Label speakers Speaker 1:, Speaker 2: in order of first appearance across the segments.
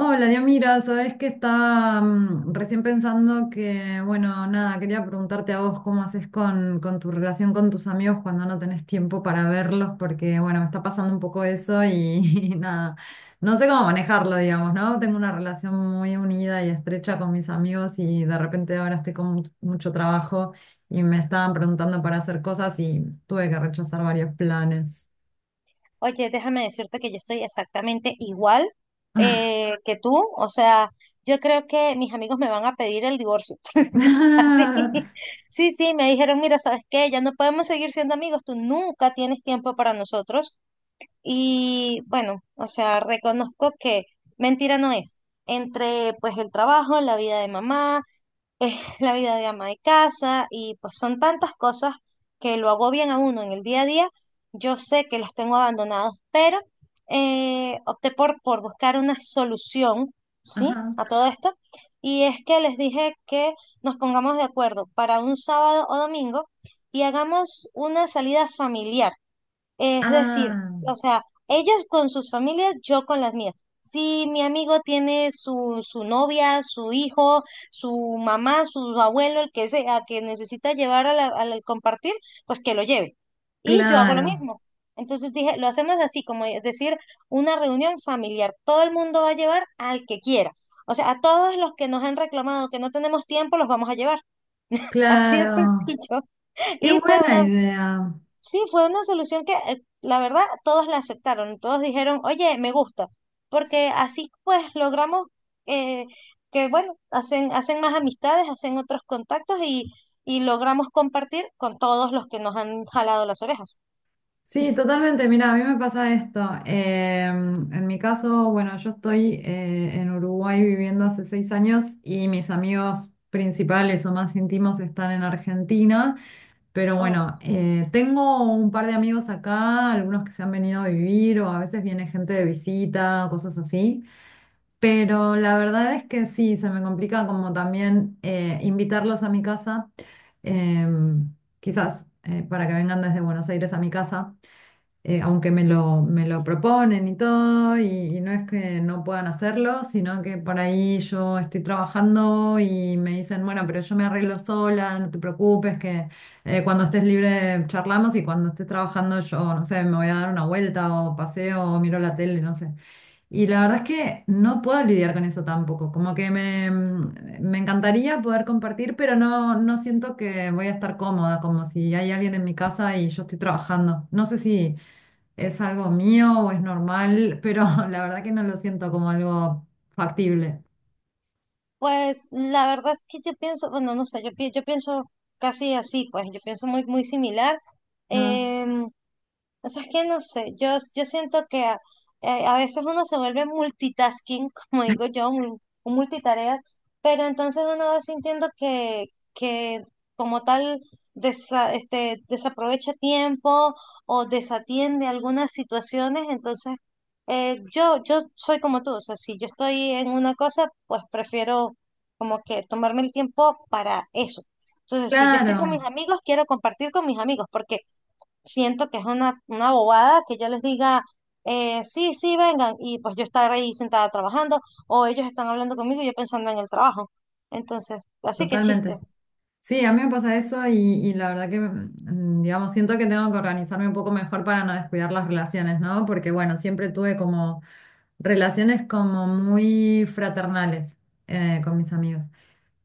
Speaker 1: Hola, Diomira. Sabes que estaba recién pensando que, bueno, nada, quería preguntarte a vos cómo haces con tu relación con tus amigos cuando no tenés tiempo para verlos, porque, bueno, me está pasando un poco eso y, y nada, no sé cómo manejarlo, digamos, ¿no? Tengo una relación muy unida y estrecha con mis amigos y de repente ahora estoy con mucho trabajo y me estaban preguntando para hacer cosas y tuve que rechazar varios planes.
Speaker 2: Oye, déjame decirte que yo estoy exactamente igual que tú. O sea, yo creo que mis amigos me van a pedir el divorcio. Así. Sí, sí, me dijeron, mira, ¿sabes qué? Ya no podemos seguir siendo amigos. Tú nunca tienes tiempo para nosotros. Y bueno, o sea, reconozco que mentira no es. Entre pues el trabajo, la vida de mamá, es la vida de ama de casa y pues son tantas cosas que lo agobian a uno en el día a día. Yo sé que los tengo abandonados, pero opté por buscar una solución, ¿sí?
Speaker 1: Ajá.
Speaker 2: A todo esto. Y es que les dije que nos pongamos de acuerdo para un sábado o domingo y hagamos una salida familiar. Es decir,
Speaker 1: Ah,
Speaker 2: o sea, ellos con sus familias, yo con las mías. Si mi amigo tiene su novia, su hijo, su mamá, su abuelo, el que sea, que necesita llevar a al compartir, pues que lo lleve. Y yo hago lo
Speaker 1: claro.
Speaker 2: mismo. Entonces dije, lo hacemos así, como es decir, una reunión familiar. Todo el mundo va a llevar al que quiera. O sea, a todos los que nos han reclamado que no tenemos tiempo, los vamos a llevar. Así de
Speaker 1: Claro,
Speaker 2: sencillo.
Speaker 1: qué
Speaker 2: Y fue
Speaker 1: buena
Speaker 2: una
Speaker 1: idea.
Speaker 2: Sí, fue una solución que la verdad todos la aceptaron, todos dijeron, oye, me gusta, porque así pues logramos eh, que, bueno, hacen más amistades, hacen otros contactos y logramos compartir con todos los que nos han jalado las orejas.
Speaker 1: Sí, totalmente. Mira, a mí me pasa esto. En mi caso, bueno, yo estoy en Uruguay viviendo hace 6 años y mis amigos principales o más íntimos están en Argentina. Pero
Speaker 2: Ah,
Speaker 1: bueno, tengo un par de amigos acá, algunos que se han venido a vivir o a veces viene gente de visita, cosas así. Pero la verdad es que sí, se me complica como también invitarlos a mi casa, em, quizás para que vengan desde Buenos Aires a mi casa aunque me lo proponen y todo, y no es que no puedan hacerlo, sino que por ahí yo estoy trabajando y me dicen, bueno, pero yo me arreglo sola, no te preocupes, que cuando estés libre charlamos y cuando estés trabajando yo, no sé, me voy a dar una vuelta o paseo o miro la tele, no sé. Y la verdad es que no puedo lidiar con eso tampoco, me encantaría poder compartir, pero no, no siento que voy a estar cómoda, como si hay alguien en mi casa y yo estoy trabajando. No sé si... ¿Es algo mío o es normal? Pero la verdad que no lo siento como algo factible.
Speaker 2: pues la verdad es que yo pienso, bueno, no sé, yo pienso casi así, pues yo pienso muy, muy similar.
Speaker 1: Ah,
Speaker 2: em, O sea, es que no sé, yo siento a veces uno se vuelve multitasking, como digo yo, un multitarea, pero entonces uno va sintiendo que como tal este, desaprovecha tiempo o desatiende algunas situaciones, entonces yo soy como tú, o sea, si yo estoy en una cosa, pues prefiero como que tomarme el tiempo para eso. Entonces, si yo estoy con mis
Speaker 1: claro,
Speaker 2: amigos, quiero compartir con mis amigos, porque siento que es una bobada que yo les diga, sí, sí, vengan, y pues yo estar ahí sentada trabajando, o ellos están hablando conmigo y yo pensando en el trabajo. Entonces, así que chiste.
Speaker 1: totalmente. Sí, a mí me pasa eso y la verdad que, digamos, siento que tengo que organizarme un poco mejor para no descuidar las relaciones, ¿no? Porque, bueno, siempre tuve como relaciones como muy fraternales con mis amigos.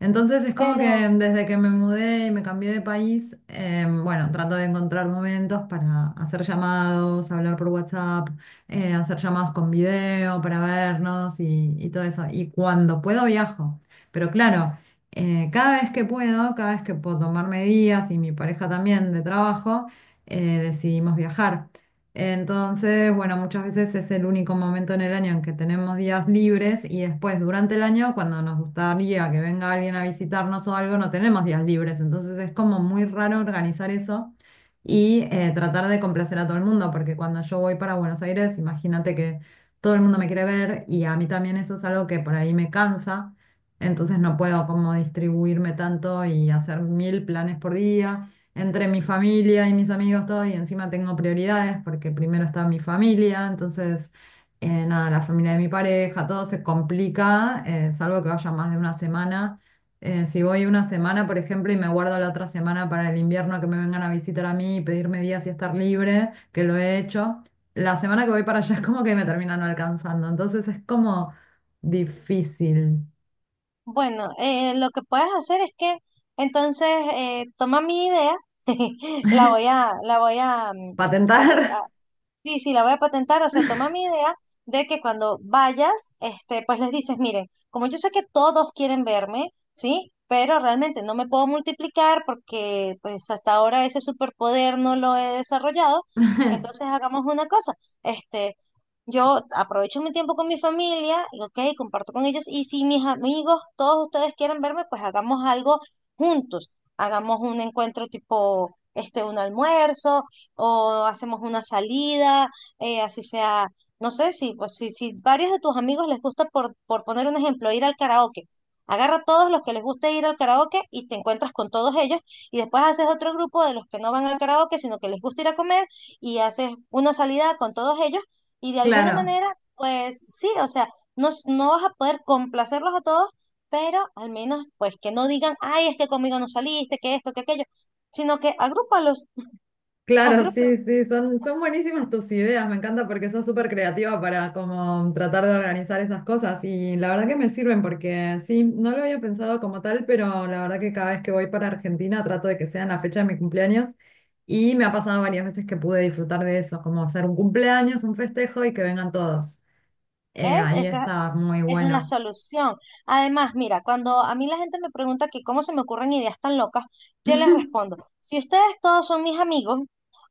Speaker 1: Entonces es como que
Speaker 2: Pero
Speaker 1: desde que me mudé y me cambié de país, bueno, trato de encontrar momentos para hacer llamados, hablar por WhatsApp, hacer llamados con video para vernos y todo eso. Y cuando puedo viajo. Pero claro, cada vez que puedo tomarme días y mi pareja también de trabajo, decidimos viajar. Entonces, bueno, muchas veces es el único momento en el año en que tenemos días libres y después durante el año, cuando nos gustaría que venga alguien a visitarnos o algo, no tenemos días libres. Entonces es como muy raro organizar eso y tratar de complacer a todo el mundo, porque cuando yo voy para Buenos Aires, imagínate que todo el mundo me quiere ver y a mí también eso es algo que por ahí me cansa. Entonces no puedo como distribuirme tanto y hacer mil planes por día entre mi familia y mis amigos, todo, y encima tengo prioridades porque primero está mi familia, entonces, nada, la familia de mi pareja, todo se complica, salvo que vaya más de una semana. Si voy una semana, por ejemplo, y me guardo la otra semana para el invierno que me vengan a visitar a mí y pedirme días y estar libre, que lo he hecho, la semana que voy para allá es como que me terminan no alcanzando, entonces es como difícil
Speaker 2: bueno, lo que puedes hacer es que entonces toma mi idea, la voy a, mm, a, re-
Speaker 1: patentar.
Speaker 2: Sí, sí, la voy a patentar, o sea, toma mi idea de que cuando vayas, este, pues les dices, miren, como yo sé que todos quieren verme, ¿sí? Pero realmente no me puedo multiplicar porque pues hasta ahora ese superpoder no lo he desarrollado, entonces hagamos una cosa, este, yo aprovecho mi tiempo con mi familia, y, ok, comparto con ellos, y si mis amigos, todos ustedes quieren verme, pues hagamos algo juntos, hagamos un encuentro tipo, este, un almuerzo o hacemos una salida, así sea, no sé si, pues, si, si varios de tus amigos les gusta, por poner un ejemplo, ir al karaoke. Agarra a todos los que les guste ir al karaoke y te encuentras con todos ellos y después haces otro grupo de los que no van al karaoke, sino que les gusta ir a comer y haces una salida con todos ellos y de alguna
Speaker 1: Claro.
Speaker 2: manera, pues sí, o sea, no vas a poder complacerlos a todos, pero al menos pues que no digan, ay, es que conmigo no saliste, que esto, que aquello, sino que agrúpalos,
Speaker 1: Claro,
Speaker 2: agrúpalos.
Speaker 1: sí, sí, son buenísimas tus ideas, me encanta porque sos súper creativa para como tratar de organizar esas cosas y la verdad que me sirven porque sí, no lo había pensado como tal, pero la verdad que cada vez que voy para Argentina trato de que sea en la fecha de mi cumpleaños y me ha pasado varias veces que pude disfrutar de eso, como hacer un cumpleaños, un festejo y que vengan todos.
Speaker 2: ¿Ves?
Speaker 1: Ahí
Speaker 2: Esa,
Speaker 1: está muy
Speaker 2: es una
Speaker 1: bueno.
Speaker 2: solución. Además, mira, cuando a mí la gente me pregunta que cómo se me ocurren ideas tan locas, yo les respondo, si ustedes todos son mis amigos,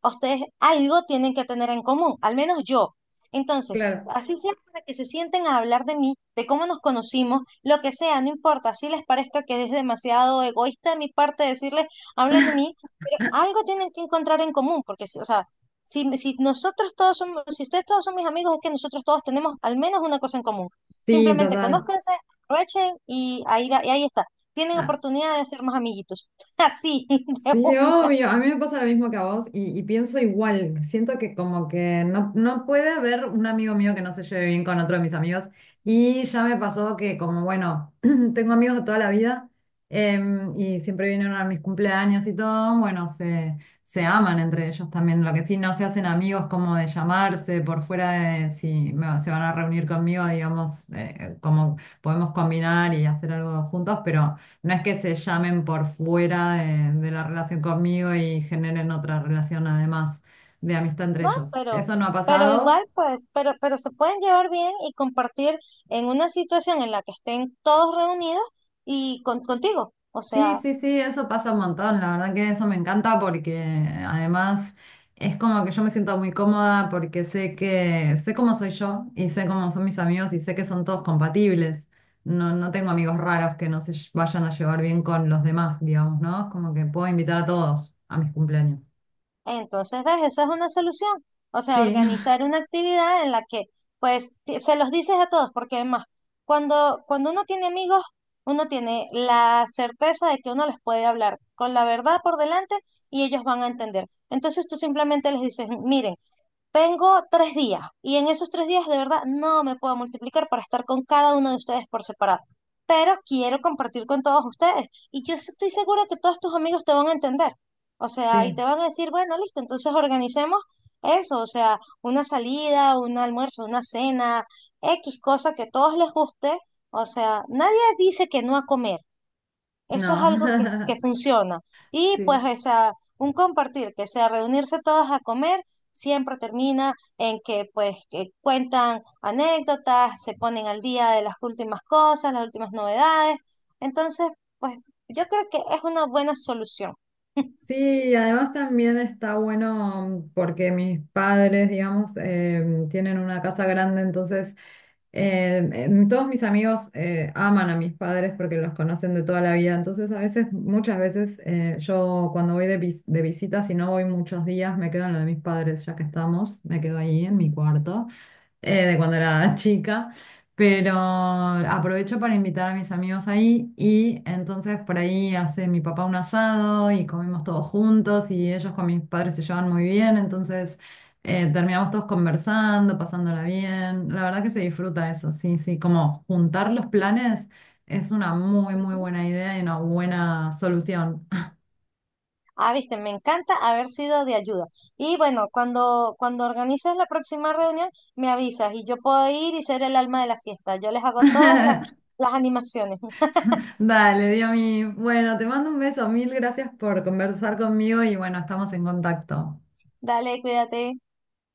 Speaker 2: ustedes algo tienen que tener en común, al menos yo. Entonces,
Speaker 1: Claro,
Speaker 2: así sea para que se sienten a hablar de mí, de cómo nos conocimos, lo que sea, no importa, si les parezca que es demasiado egoísta de mi parte decirles, hablen de mí, pero algo tienen que encontrar en común, porque, o sea, si, si nosotros todos somos, si ustedes todos son mis amigos, es que nosotros todos tenemos al menos una cosa en común.
Speaker 1: sí,
Speaker 2: Simplemente
Speaker 1: total.
Speaker 2: conózcanse, aprovechen y ahí, y ahí está. Tienen
Speaker 1: Ah,
Speaker 2: oportunidad de ser más amiguitos. Así, de una,
Speaker 1: sí, obvio. A mí me pasa lo mismo que a vos y pienso igual. Siento que como que no, no puede haber un amigo mío que no se lleve bien con otro de mis amigos. Y ya me pasó que como, bueno, tengo amigos de toda la vida y siempre vinieron a mis cumpleaños y todo, bueno, se aman entre ellos también. Lo que sí, no se hacen amigos como de llamarse por fuera de si se van a reunir conmigo, digamos, como podemos combinar y hacer algo juntos, pero... No es que se llamen por fuera de la relación conmigo y generen otra relación además de amistad entre
Speaker 2: ¿no?
Speaker 1: ellos. ¿Eso no ha
Speaker 2: Pero
Speaker 1: pasado?
Speaker 2: igual, pues, pero se pueden llevar bien y compartir en una situación en la que estén todos reunidos y contigo. O
Speaker 1: Sí,
Speaker 2: sea,
Speaker 1: sí, sí, eso pasa un montón. La verdad que eso me encanta porque además es como que yo me siento muy cómoda porque sé que sé cómo soy yo y sé cómo son mis amigos y sé que son todos compatibles. No, no tengo amigos raros que no se vayan a llevar bien con los demás, digamos, ¿no? Es como que puedo invitar a todos a mis cumpleaños.
Speaker 2: entonces, ¿ves? Esa es una solución. O sea,
Speaker 1: Sí,
Speaker 2: organizar una actividad en la que, pues, se los dices a todos, porque además, cuando uno tiene amigos, uno tiene la certeza de que uno les puede hablar con la verdad por delante y ellos van a entender. Entonces, tú simplemente les dices, miren, tengo 3 días y en esos 3 días de verdad no me puedo multiplicar para estar con cada uno de ustedes por separado, pero quiero compartir con todos ustedes y yo estoy segura que todos tus amigos te van a entender. O sea, y
Speaker 1: sí,
Speaker 2: te van a decir, bueno, listo, entonces organicemos eso, o sea, una salida, un almuerzo, una cena, X cosa que a todos les guste. O sea, nadie dice que no a comer, eso es algo que
Speaker 1: no.
Speaker 2: funciona. Y pues,
Speaker 1: Sí,
Speaker 2: o sea, un compartir, que sea reunirse todas a comer, siempre termina en que pues que cuentan anécdotas, se ponen al día de las últimas cosas, las últimas novedades. Entonces, pues yo creo que es una buena solución.
Speaker 1: sí, y además también está bueno porque mis padres, digamos, tienen una casa grande, entonces todos mis amigos aman a mis padres porque los conocen de toda la vida, entonces a veces, muchas veces, yo cuando voy de, de visita, si no voy muchos días, me quedo en lo de mis padres, ya que estamos, me quedo ahí en mi cuarto. De cuando era chica, pero aprovecho para invitar a mis amigos ahí y entonces por ahí hace mi papá un asado y comemos todos juntos y ellos con mis padres se llevan muy bien, entonces terminamos todos conversando, pasándola bien, la verdad que se disfruta eso, sí, sí, como juntar los planes es una muy, muy buena idea y una buena solución.
Speaker 2: Ah, viste, me encanta haber sido de ayuda. Y bueno, cuando organices la próxima reunión, me avisas y yo puedo ir y ser el alma de la fiesta. Yo les hago todas las animaciones.
Speaker 1: Dale, Dios mío. Bueno, te mando un beso. Mil gracias por conversar conmigo y bueno, estamos en contacto.
Speaker 2: Dale, cuídate.